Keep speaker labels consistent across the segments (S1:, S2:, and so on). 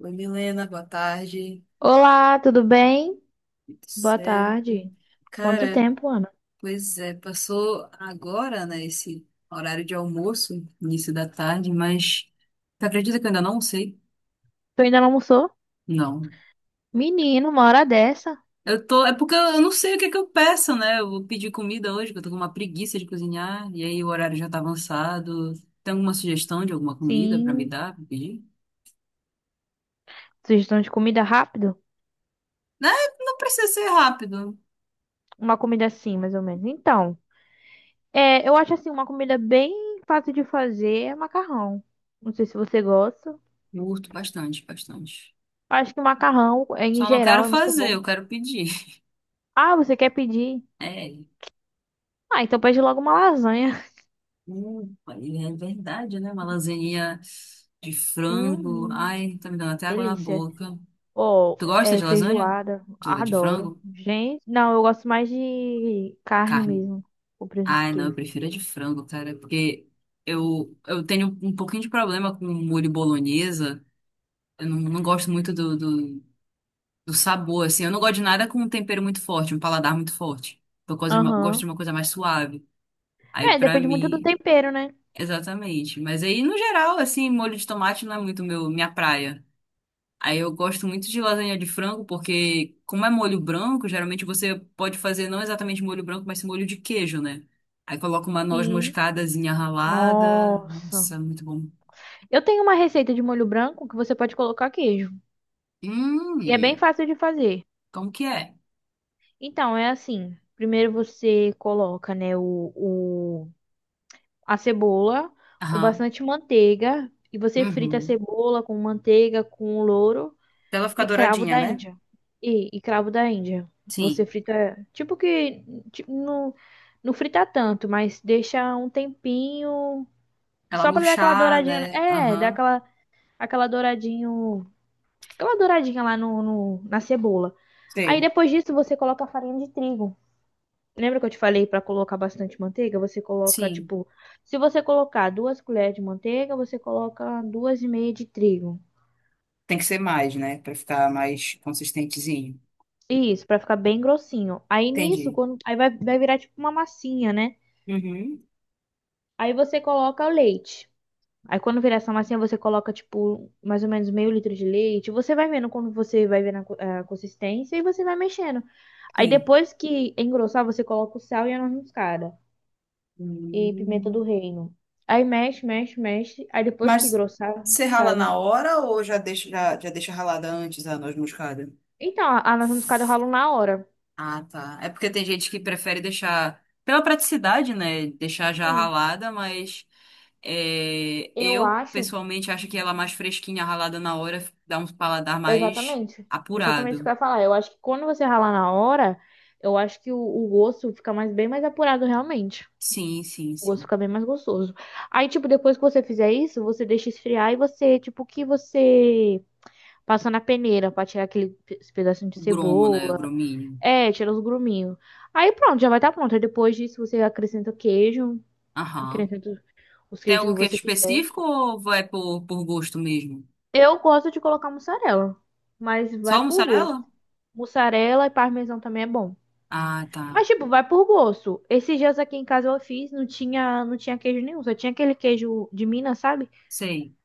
S1: Oi, Milena, boa tarde.
S2: Olá, tudo bem?
S1: Tudo
S2: Boa
S1: certo?
S2: tarde. Quanto
S1: Cara,
S2: tempo, Ana?
S1: pois é, passou agora, né, esse horário de almoço, início da tarde, mas tu acredita que eu ainda não sei?
S2: Tu ainda não almoçou?
S1: Não.
S2: Menino, uma hora dessa?
S1: Eu tô, é porque eu não sei o que eu peço, né? Eu vou pedir comida hoje, porque eu tô com uma preguiça de cozinhar, e aí o horário já tá avançado. Tem alguma sugestão de alguma comida pra me
S2: Sim.
S1: dar, pra pedir?
S2: Sugestão de comida rápido?
S1: Né? Não precisa ser rápido.
S2: Uma comida assim, mais ou menos. Então, eu acho assim, uma comida bem fácil de fazer é macarrão. Não sei se você gosta.
S1: Eu Curto bastante, bastante.
S2: Acho que macarrão, em
S1: Só não quero
S2: geral, é muito
S1: fazer,
S2: bom.
S1: eu quero pedir.
S2: Ah, você quer pedir?
S1: É.
S2: Ah, então pede logo uma lasanha.
S1: É verdade, né? Uma lasaninha de frango.
S2: Hum,
S1: Ai, tá me dando até água na
S2: delícia.
S1: boca.
S2: Ou
S1: Tu gosta
S2: é,
S1: de lasanha?
S2: feijoada,
S1: De
S2: adoro.
S1: frango?
S2: Gente, não, eu gosto mais de carne
S1: Carne.
S2: mesmo, com presunto de
S1: Ai, não, eu
S2: queijo.
S1: prefiro a de frango, cara, porque eu tenho um pouquinho de problema com molho bolonhesa. Eu não, não gosto muito do sabor, assim. Eu não gosto de nada com um tempero muito forte, um paladar muito forte. Eu gosto de
S2: Aham.
S1: uma coisa mais suave. Aí,
S2: É,
S1: pra
S2: depende muito do
S1: mim,
S2: tempero, né?
S1: exatamente. Mas aí, no geral, assim, molho de tomate não é muito meu, minha praia. Aí eu gosto muito de lasanha de frango, porque como é molho branco, geralmente você pode fazer não exatamente molho branco, mas sim molho de queijo, né? Aí coloca uma noz
S2: Sim.
S1: moscadazinha ralada.
S2: Nossa.
S1: Nossa, muito bom.
S2: Eu tenho uma receita de molho branco que você pode colocar queijo.
S1: Hum,
S2: E é bem fácil de fazer.
S1: como que é?
S2: Então, é assim. Primeiro você coloca, né, a cebola com
S1: Aham.
S2: bastante manteiga. E você frita a
S1: Uhum.
S2: cebola com manteiga, com louro.
S1: Pra ela ficar
S2: E cravo
S1: douradinha,
S2: da
S1: né?
S2: Índia. E cravo da Índia. Você
S1: Sim.
S2: frita, tipo que não, não frita tanto, mas deixa um tempinho
S1: Ela
S2: só pra dar aquela
S1: murchar,
S2: douradinha. Né?
S1: né?
S2: É, dar
S1: Aham.
S2: aquela, aquela douradinho, aquela douradinha lá na cebola. Aí
S1: Sei.
S2: depois disso você coloca a farinha de trigo. Lembra que eu te falei pra colocar bastante manteiga? Você coloca,
S1: Sim.
S2: tipo, se você colocar duas colheres de manteiga, você coloca duas e meia de trigo.
S1: Tem que ser mais, né? Pra ficar mais consistentezinho.
S2: Isso, pra ficar bem grossinho. Aí nisso,
S1: Entendi.
S2: quando... aí vai virar tipo uma massinha, né?
S1: Uhum.
S2: Aí você coloca o leite. Aí quando virar essa massinha, você coloca tipo mais ou menos meio litro de leite. Você vai vendo quando você vai vendo a a consistência e você vai mexendo. Aí
S1: Sim.
S2: depois que engrossar, você coloca o sal e a noz moscada e pimenta
S1: Hum.
S2: do reino. Aí mexe, mexe, mexe. Aí depois que
S1: Mas
S2: engrossar,
S1: você rala
S2: fica
S1: na
S2: no...
S1: hora ou já deixa, já deixa ralada antes a noz moscada?
S2: Então, a noz moscada eu ralo na hora.
S1: Ah, tá. É porque tem gente que prefere deixar, pela praticidade, né? Deixar já
S2: Sim.
S1: ralada, mas é,
S2: Eu
S1: eu
S2: acho.
S1: pessoalmente acho que ela mais fresquinha, ralada na hora, dá um paladar mais
S2: Exatamente. Exatamente o que
S1: apurado.
S2: eu ia falar. Eu acho que quando você ralar na hora, eu acho que o gosto fica mais bem mais apurado realmente.
S1: Sim, sim,
S2: O gosto
S1: sim.
S2: fica bem mais gostoso. Aí, tipo, depois que você fizer isso, você deixa esfriar e você, tipo, o que você passa na peneira pra tirar esse pedacinho de
S1: O gromo, né? O
S2: cebola.
S1: grominho.
S2: É, tira os gruminhos. Aí pronto, já vai estar pronto. Aí depois disso você acrescenta queijo,
S1: Aham.
S2: acrescenta os
S1: Tem
S2: queijos
S1: algum
S2: que
S1: queijo
S2: você quiser.
S1: específico ou vai por gosto mesmo?
S2: Eu gosto de colocar mussarela, mas vai
S1: Só
S2: por gosto.
S1: mussarela?
S2: Mussarela e parmesão também é bom.
S1: Ah, tá.
S2: Mas, tipo, vai por gosto. Esses dias aqui em casa eu fiz, não tinha queijo nenhum, só tinha aquele queijo de Minas, sabe?
S1: Sei.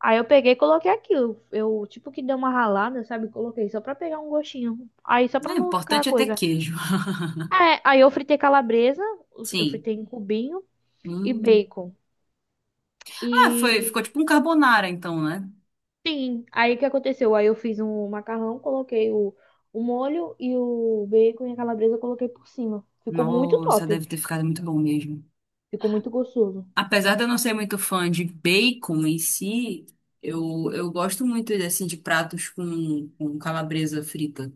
S2: Aí eu peguei e coloquei aquilo. Eu, tipo, que dei uma ralada, sabe? Coloquei só pra pegar um gostinho. Aí só
S1: É
S2: pra não ficar a
S1: importante é ter
S2: coisa.
S1: queijo.
S2: É, aí eu fritei calabresa, eu
S1: Sim.
S2: fritei em cubinho e
S1: Hum.
S2: bacon.
S1: Ah, foi, ficou
S2: E,
S1: tipo um carbonara, então, né?
S2: sim, aí o que aconteceu? Aí eu fiz um macarrão, coloquei o molho e o bacon e a calabresa eu coloquei por cima. Ficou muito
S1: Nossa, deve
S2: top.
S1: ter ficado muito bom mesmo.
S2: Ficou muito gostoso.
S1: Apesar de eu não ser muito fã de bacon em si, eu gosto muito assim, de pratos com calabresa frita.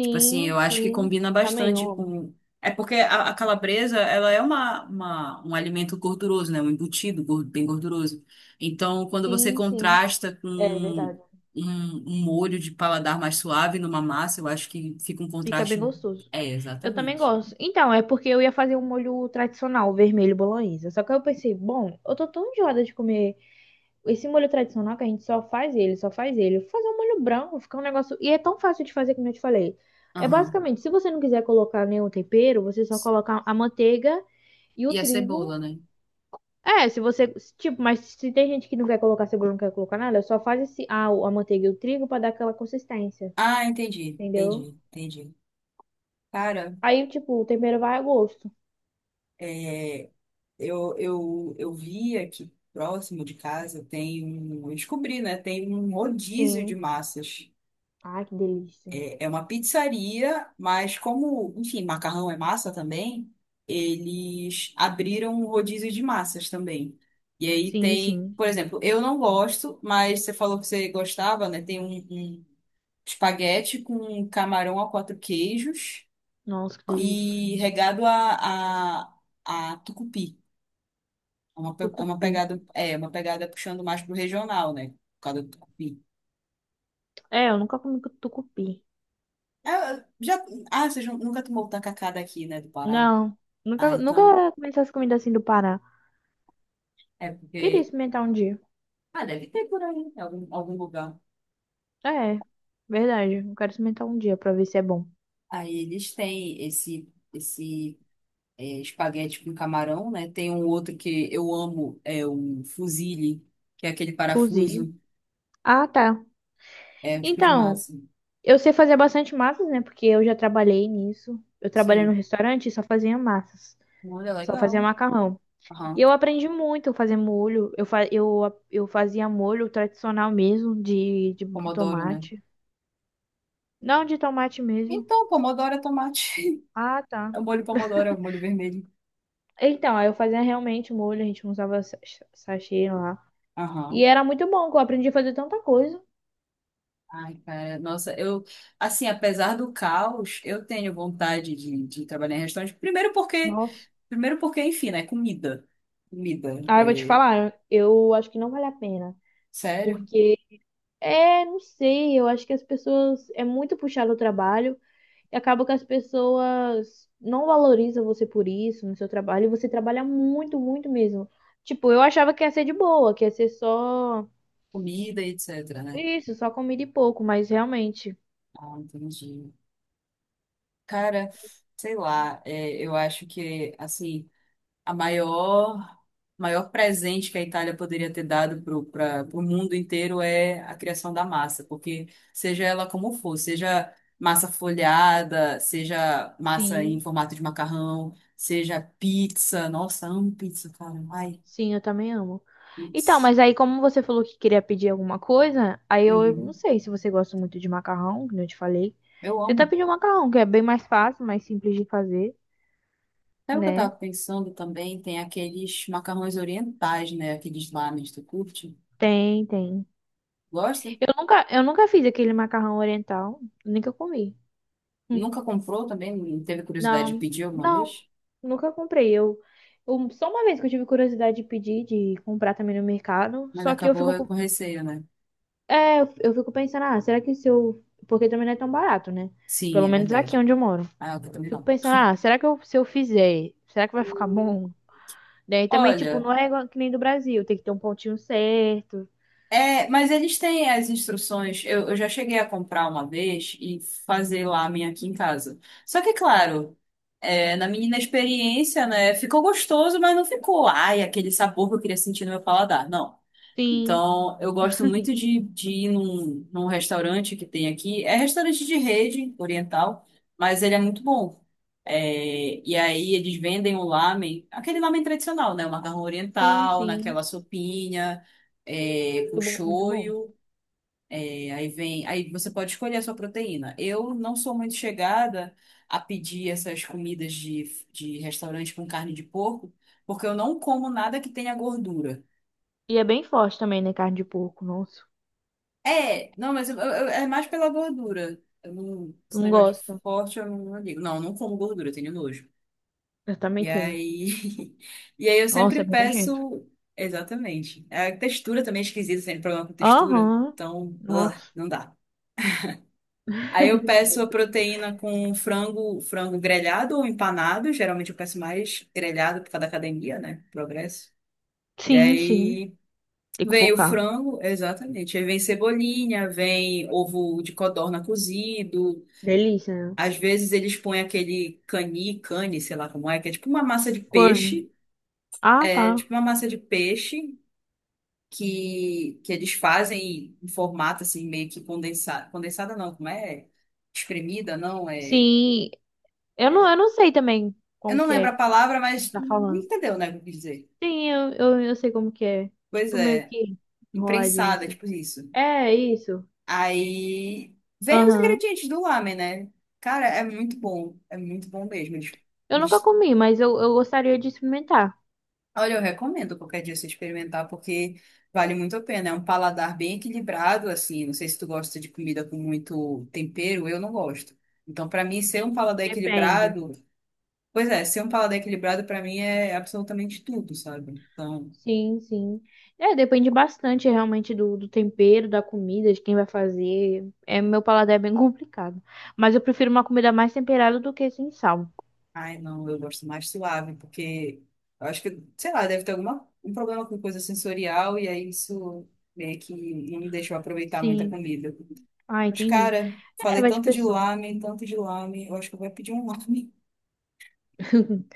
S1: Tipo assim, eu acho que
S2: sim.
S1: combina
S2: Também
S1: bastante
S2: eu amo.
S1: com. É porque a calabresa, ela é uma, um alimento gorduroso, né? Um embutido gor- bem gorduroso. Então, quando você
S2: Sim, sim.
S1: contrasta com
S2: É
S1: um,
S2: verdade.
S1: um molho de paladar mais suave numa massa, eu acho que fica um
S2: Fica bem
S1: contraste.
S2: gostoso.
S1: É,
S2: Eu também
S1: exatamente.
S2: gosto. Então, é porque eu ia fazer um molho tradicional, vermelho bolonhesa. Só que aí eu pensei, bom, eu tô tão enjoada de comer esse molho tradicional que a gente só faz ele, só faz ele. Vou fazer um molho branco, fica um negócio. E é tão fácil de fazer como eu te falei. É
S1: Aham.
S2: basicamente, se você não quiser colocar nenhum tempero, você só coloca a manteiga e
S1: E
S2: o
S1: a
S2: trigo.
S1: cebola, né?
S2: É, se você. Se- Tipo, mas se tem gente que não quer colocar cebola, não quer colocar nada, só faz esse, a manteiga e o trigo pra dar aquela consistência,
S1: Ah, entendi,
S2: entendeu?
S1: entendi, entendi. Cara,
S2: Aí, tipo, o tempero vai a gosto.
S1: é, eu vi aqui próximo de casa, tem um, eu descobri, né? Tem um rodízio de
S2: Sim.
S1: massas.
S2: Ai, que delícia.
S1: É, é uma pizzaria, mas como, enfim, macarrão é massa também, eles abriram um rodízio de massas também. E aí
S2: Sim,
S1: tem,
S2: sim.
S1: por exemplo, eu não gosto, mas você falou que você gostava, né? Tem um, um espaguete com camarão a quatro queijos
S2: Nossa, que delícia.
S1: e regado a, a tucupi. É uma, pe-
S2: Tucupi.
S1: é, uma pegada puxando mais pro regional, né? Por causa do tucupi.
S2: É, eu nunca comi tucupi.
S1: Ah, eu já, ah, vocês nu- nunca tomou o tacacá daqui, né, do Pará?
S2: Não.
S1: Ah, então,
S2: Nunca comi essas comidas assim do Pará.
S1: é
S2: Queria
S1: porque...
S2: experimentar um dia.
S1: Ah, deve ter por aí, em algum, algum lugar.
S2: É, verdade. Eu quero experimentar um dia pra ver se é bom.
S1: Aí eles têm esse, esse é, espaguete com camarão, né? Tem um outro que eu amo, é o fusilli, que é aquele
S2: Fuzil.
S1: parafuso,
S2: Ah, tá.
S1: é um tipo de
S2: Então.
S1: massa.
S2: Eu sei fazer bastante massas, né? Porque eu já trabalhei nisso. Eu trabalhei no
S1: Sim,
S2: restaurante e só fazia massas.
S1: olha,
S2: Só fazia
S1: legal.
S2: macarrão. E
S1: Aham,
S2: eu aprendi muito a fazer molho. Eu, fa eu, a- eu fazia molho tradicional mesmo, de
S1: Pomodoro, né?
S2: tomate. Não, de tomate mesmo.
S1: Então, pomodoro é tomate.
S2: Ah, tá.
S1: É o molho pomodoro, é o molho vermelho.
S2: Então, aí eu fazia realmente molho, a gente usava sachê lá. E
S1: Aham.
S2: era muito bom, que eu aprendi a fazer tanta coisa.
S1: Ai, cara, nossa, eu, assim, apesar do caos, eu tenho vontade de trabalhar em restaurante.
S2: Nossa.
S1: Primeiro porque, enfim, né, comida. Comida,
S2: Ah, eu vou te
S1: é,
S2: falar, eu acho que não vale a pena.
S1: sério,
S2: Porque é, não sei, eu acho que as pessoas é muito puxado o trabalho e acaba que as pessoas não valorizam você por isso no seu trabalho e você trabalha muito, muito mesmo. Tipo, eu achava que ia ser de boa, que ia ser só
S1: comida, e etc, né?
S2: isso, só comida e pouco, mas realmente,
S1: Ah, entendi. Cara, sei lá, é, eu acho que, assim, a maior, maior presente que a Itália poderia ter dado para o mundo inteiro é a criação da massa, porque seja ela como for, seja massa folhada, seja massa em
S2: sim,
S1: formato de macarrão, seja pizza, nossa, amo pizza, cara, ai,
S2: sim, eu também amo. Então,
S1: pizza.
S2: mas aí como você falou que queria pedir alguma coisa, aí eu não
S1: Uhum.
S2: sei se você gosta muito de macarrão, como eu te falei.
S1: Eu
S2: Tenta
S1: amo.
S2: pedir um macarrão, que é bem mais fácil, mais simples de fazer,
S1: Sabe o que eu
S2: né?
S1: tava pensando também? Tem aqueles macarrões orientais, né? Aqueles lámen, tu curte?
S2: Tem, tem.
S1: Gosta?
S2: Eu nunca fiz aquele macarrão oriental, nunca comi. Hum.
S1: Nunca comprou também? Não Teve curiosidade de
S2: Não,
S1: pedir alguma
S2: não,
S1: vez?
S2: nunca comprei. Eu- só uma vez que eu tive curiosidade de pedir, de comprar também no mercado,
S1: Mas
S2: só que eu fico,
S1: acabou
S2: com-
S1: com receio, né?
S2: é, eu fico pensando, ah, será que se eu, porque também não é tão barato, né?
S1: Sim,
S2: Pelo
S1: é
S2: menos aqui
S1: verdade.
S2: onde eu moro.
S1: Ah, eu também
S2: Fico
S1: não.
S2: pensando, ah, será que eu, se eu fizer, será que vai ficar bom? Daí também, tipo,
S1: Olha.
S2: não é igual que nem do Brasil, tem que ter um pontinho certo.
S1: É, mas eles têm as instruções. Eu já cheguei a comprar uma vez e fazer lá a minha aqui em casa. Só que, claro, é, na minha inexperiência, né? Ficou gostoso, mas não ficou, ai, aquele sabor que eu queria sentir no meu paladar. Não.
S2: Sim,
S1: Então, eu gosto muito de ir num, num restaurante que tem aqui. É restaurante de rede oriental, mas ele é muito bom. É, e aí eles vendem o lamen, aquele lamen tradicional, né? O macarrão
S2: sim,
S1: oriental,
S2: sim.
S1: naquela sopinha é, com
S2: Muito bom, muito bom.
S1: shoyu, é, aí vem, aí você pode escolher a sua proteína. Eu não sou muito chegada a pedir essas comidas de restaurante com carne de porco, porque eu não como nada que tenha gordura.
S2: E é bem forte também, né? Carne de porco, nossa.
S1: É, não, mas é mais pela gordura. Eu não-
S2: Tu
S1: esse
S2: não
S1: negócio de
S2: gosta?
S1: forte eu não, não ligo. Não, eu não como gordura, eu tenho nojo.
S2: Eu também
S1: E
S2: tenho.
S1: aí, e aí eu sempre
S2: Nossa, é bem nojento.
S1: peço, exatamente. A textura também é esquisita, tem problema com textura,
S2: Aham.
S1: então, ugh,
S2: Nossa.
S1: não dá. Aí eu peço a proteína com frango, frango grelhado ou empanado. Geralmente eu peço mais grelhado por causa da academia, né? Progresso. E
S2: Sim, sim.
S1: aí
S2: Tem que
S1: vem o
S2: focar.
S1: frango, exatamente. Aí vem cebolinha, vem ovo de codorna cozido.
S2: Delícia, né?
S1: Às vezes eles põem aquele cani, cane, sei lá como é, que é tipo uma massa de
S2: Corne.
S1: peixe.
S2: Ah,
S1: É
S2: tá.
S1: tipo uma massa de peixe que eles fazem em formato assim, meio que condensado. Condensada não, como é? Espremida, não, é.
S2: Sim. Eu não sei também
S1: Eu
S2: como
S1: não
S2: que é
S1: lembro a
S2: que
S1: palavra,
S2: você
S1: mas
S2: tá falando.
S1: entendeu, né, o que eu quis dizer.
S2: Sim, eu sei como que é.
S1: Pois
S2: Tipo, meio
S1: é,
S2: que enroladinho
S1: imprensada,
S2: assim.
S1: tipo isso.
S2: É, isso.
S1: Aí vem os
S2: Aham.
S1: ingredientes do lamen, né? Cara, é muito bom mesmo. Eles,
S2: Eu nunca
S1: eles-
S2: comi, mas eu gostaria de experimentar.
S1: Olha, eu recomendo qualquer dia você experimentar, porque vale muito a pena. É um paladar bem equilibrado, assim. Não sei se tu gosta de comida com muito tempero, eu não gosto. Então, pra mim, ser um paladar
S2: Depende.
S1: equilibrado, pois é, ser um paladar equilibrado pra mim é absolutamente tudo, sabe? Então
S2: Sim, sim. É, depende bastante realmente do tempero, da comida, de quem vai fazer. É, meu paladar é bem complicado. Mas eu prefiro uma comida mais temperada do que sem sal.
S1: Ai, não, eu gosto mais suave, porque eu acho que, sei lá, deve ter alguma, um problema com coisa sensorial, e aí isso meio que não me deixou aproveitar muita
S2: Sim.
S1: comida.
S2: Ah,
S1: Mas,
S2: entendi.
S1: cara,
S2: É,
S1: falei
S2: vai de pessoa.
S1: tanto de lame, eu acho que eu vou pedir um lame.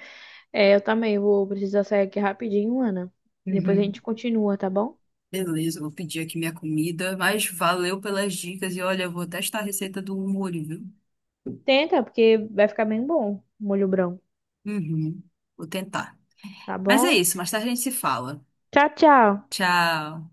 S2: É, eu também vou precisar sair aqui rapidinho, Ana. Depois a
S1: Uhum.
S2: gente continua, tá bom?
S1: Beleza, eu vou pedir aqui minha comida, mas valeu pelas dicas e olha, eu vou testar a receita do molho, viu?
S2: Tenta, porque vai ficar bem bom, molho branco,
S1: Uhum. Vou tentar.
S2: tá
S1: Mas é
S2: bom?
S1: isso, mais tarde a gente se fala.
S2: Tchau, tchau.
S1: Tchau.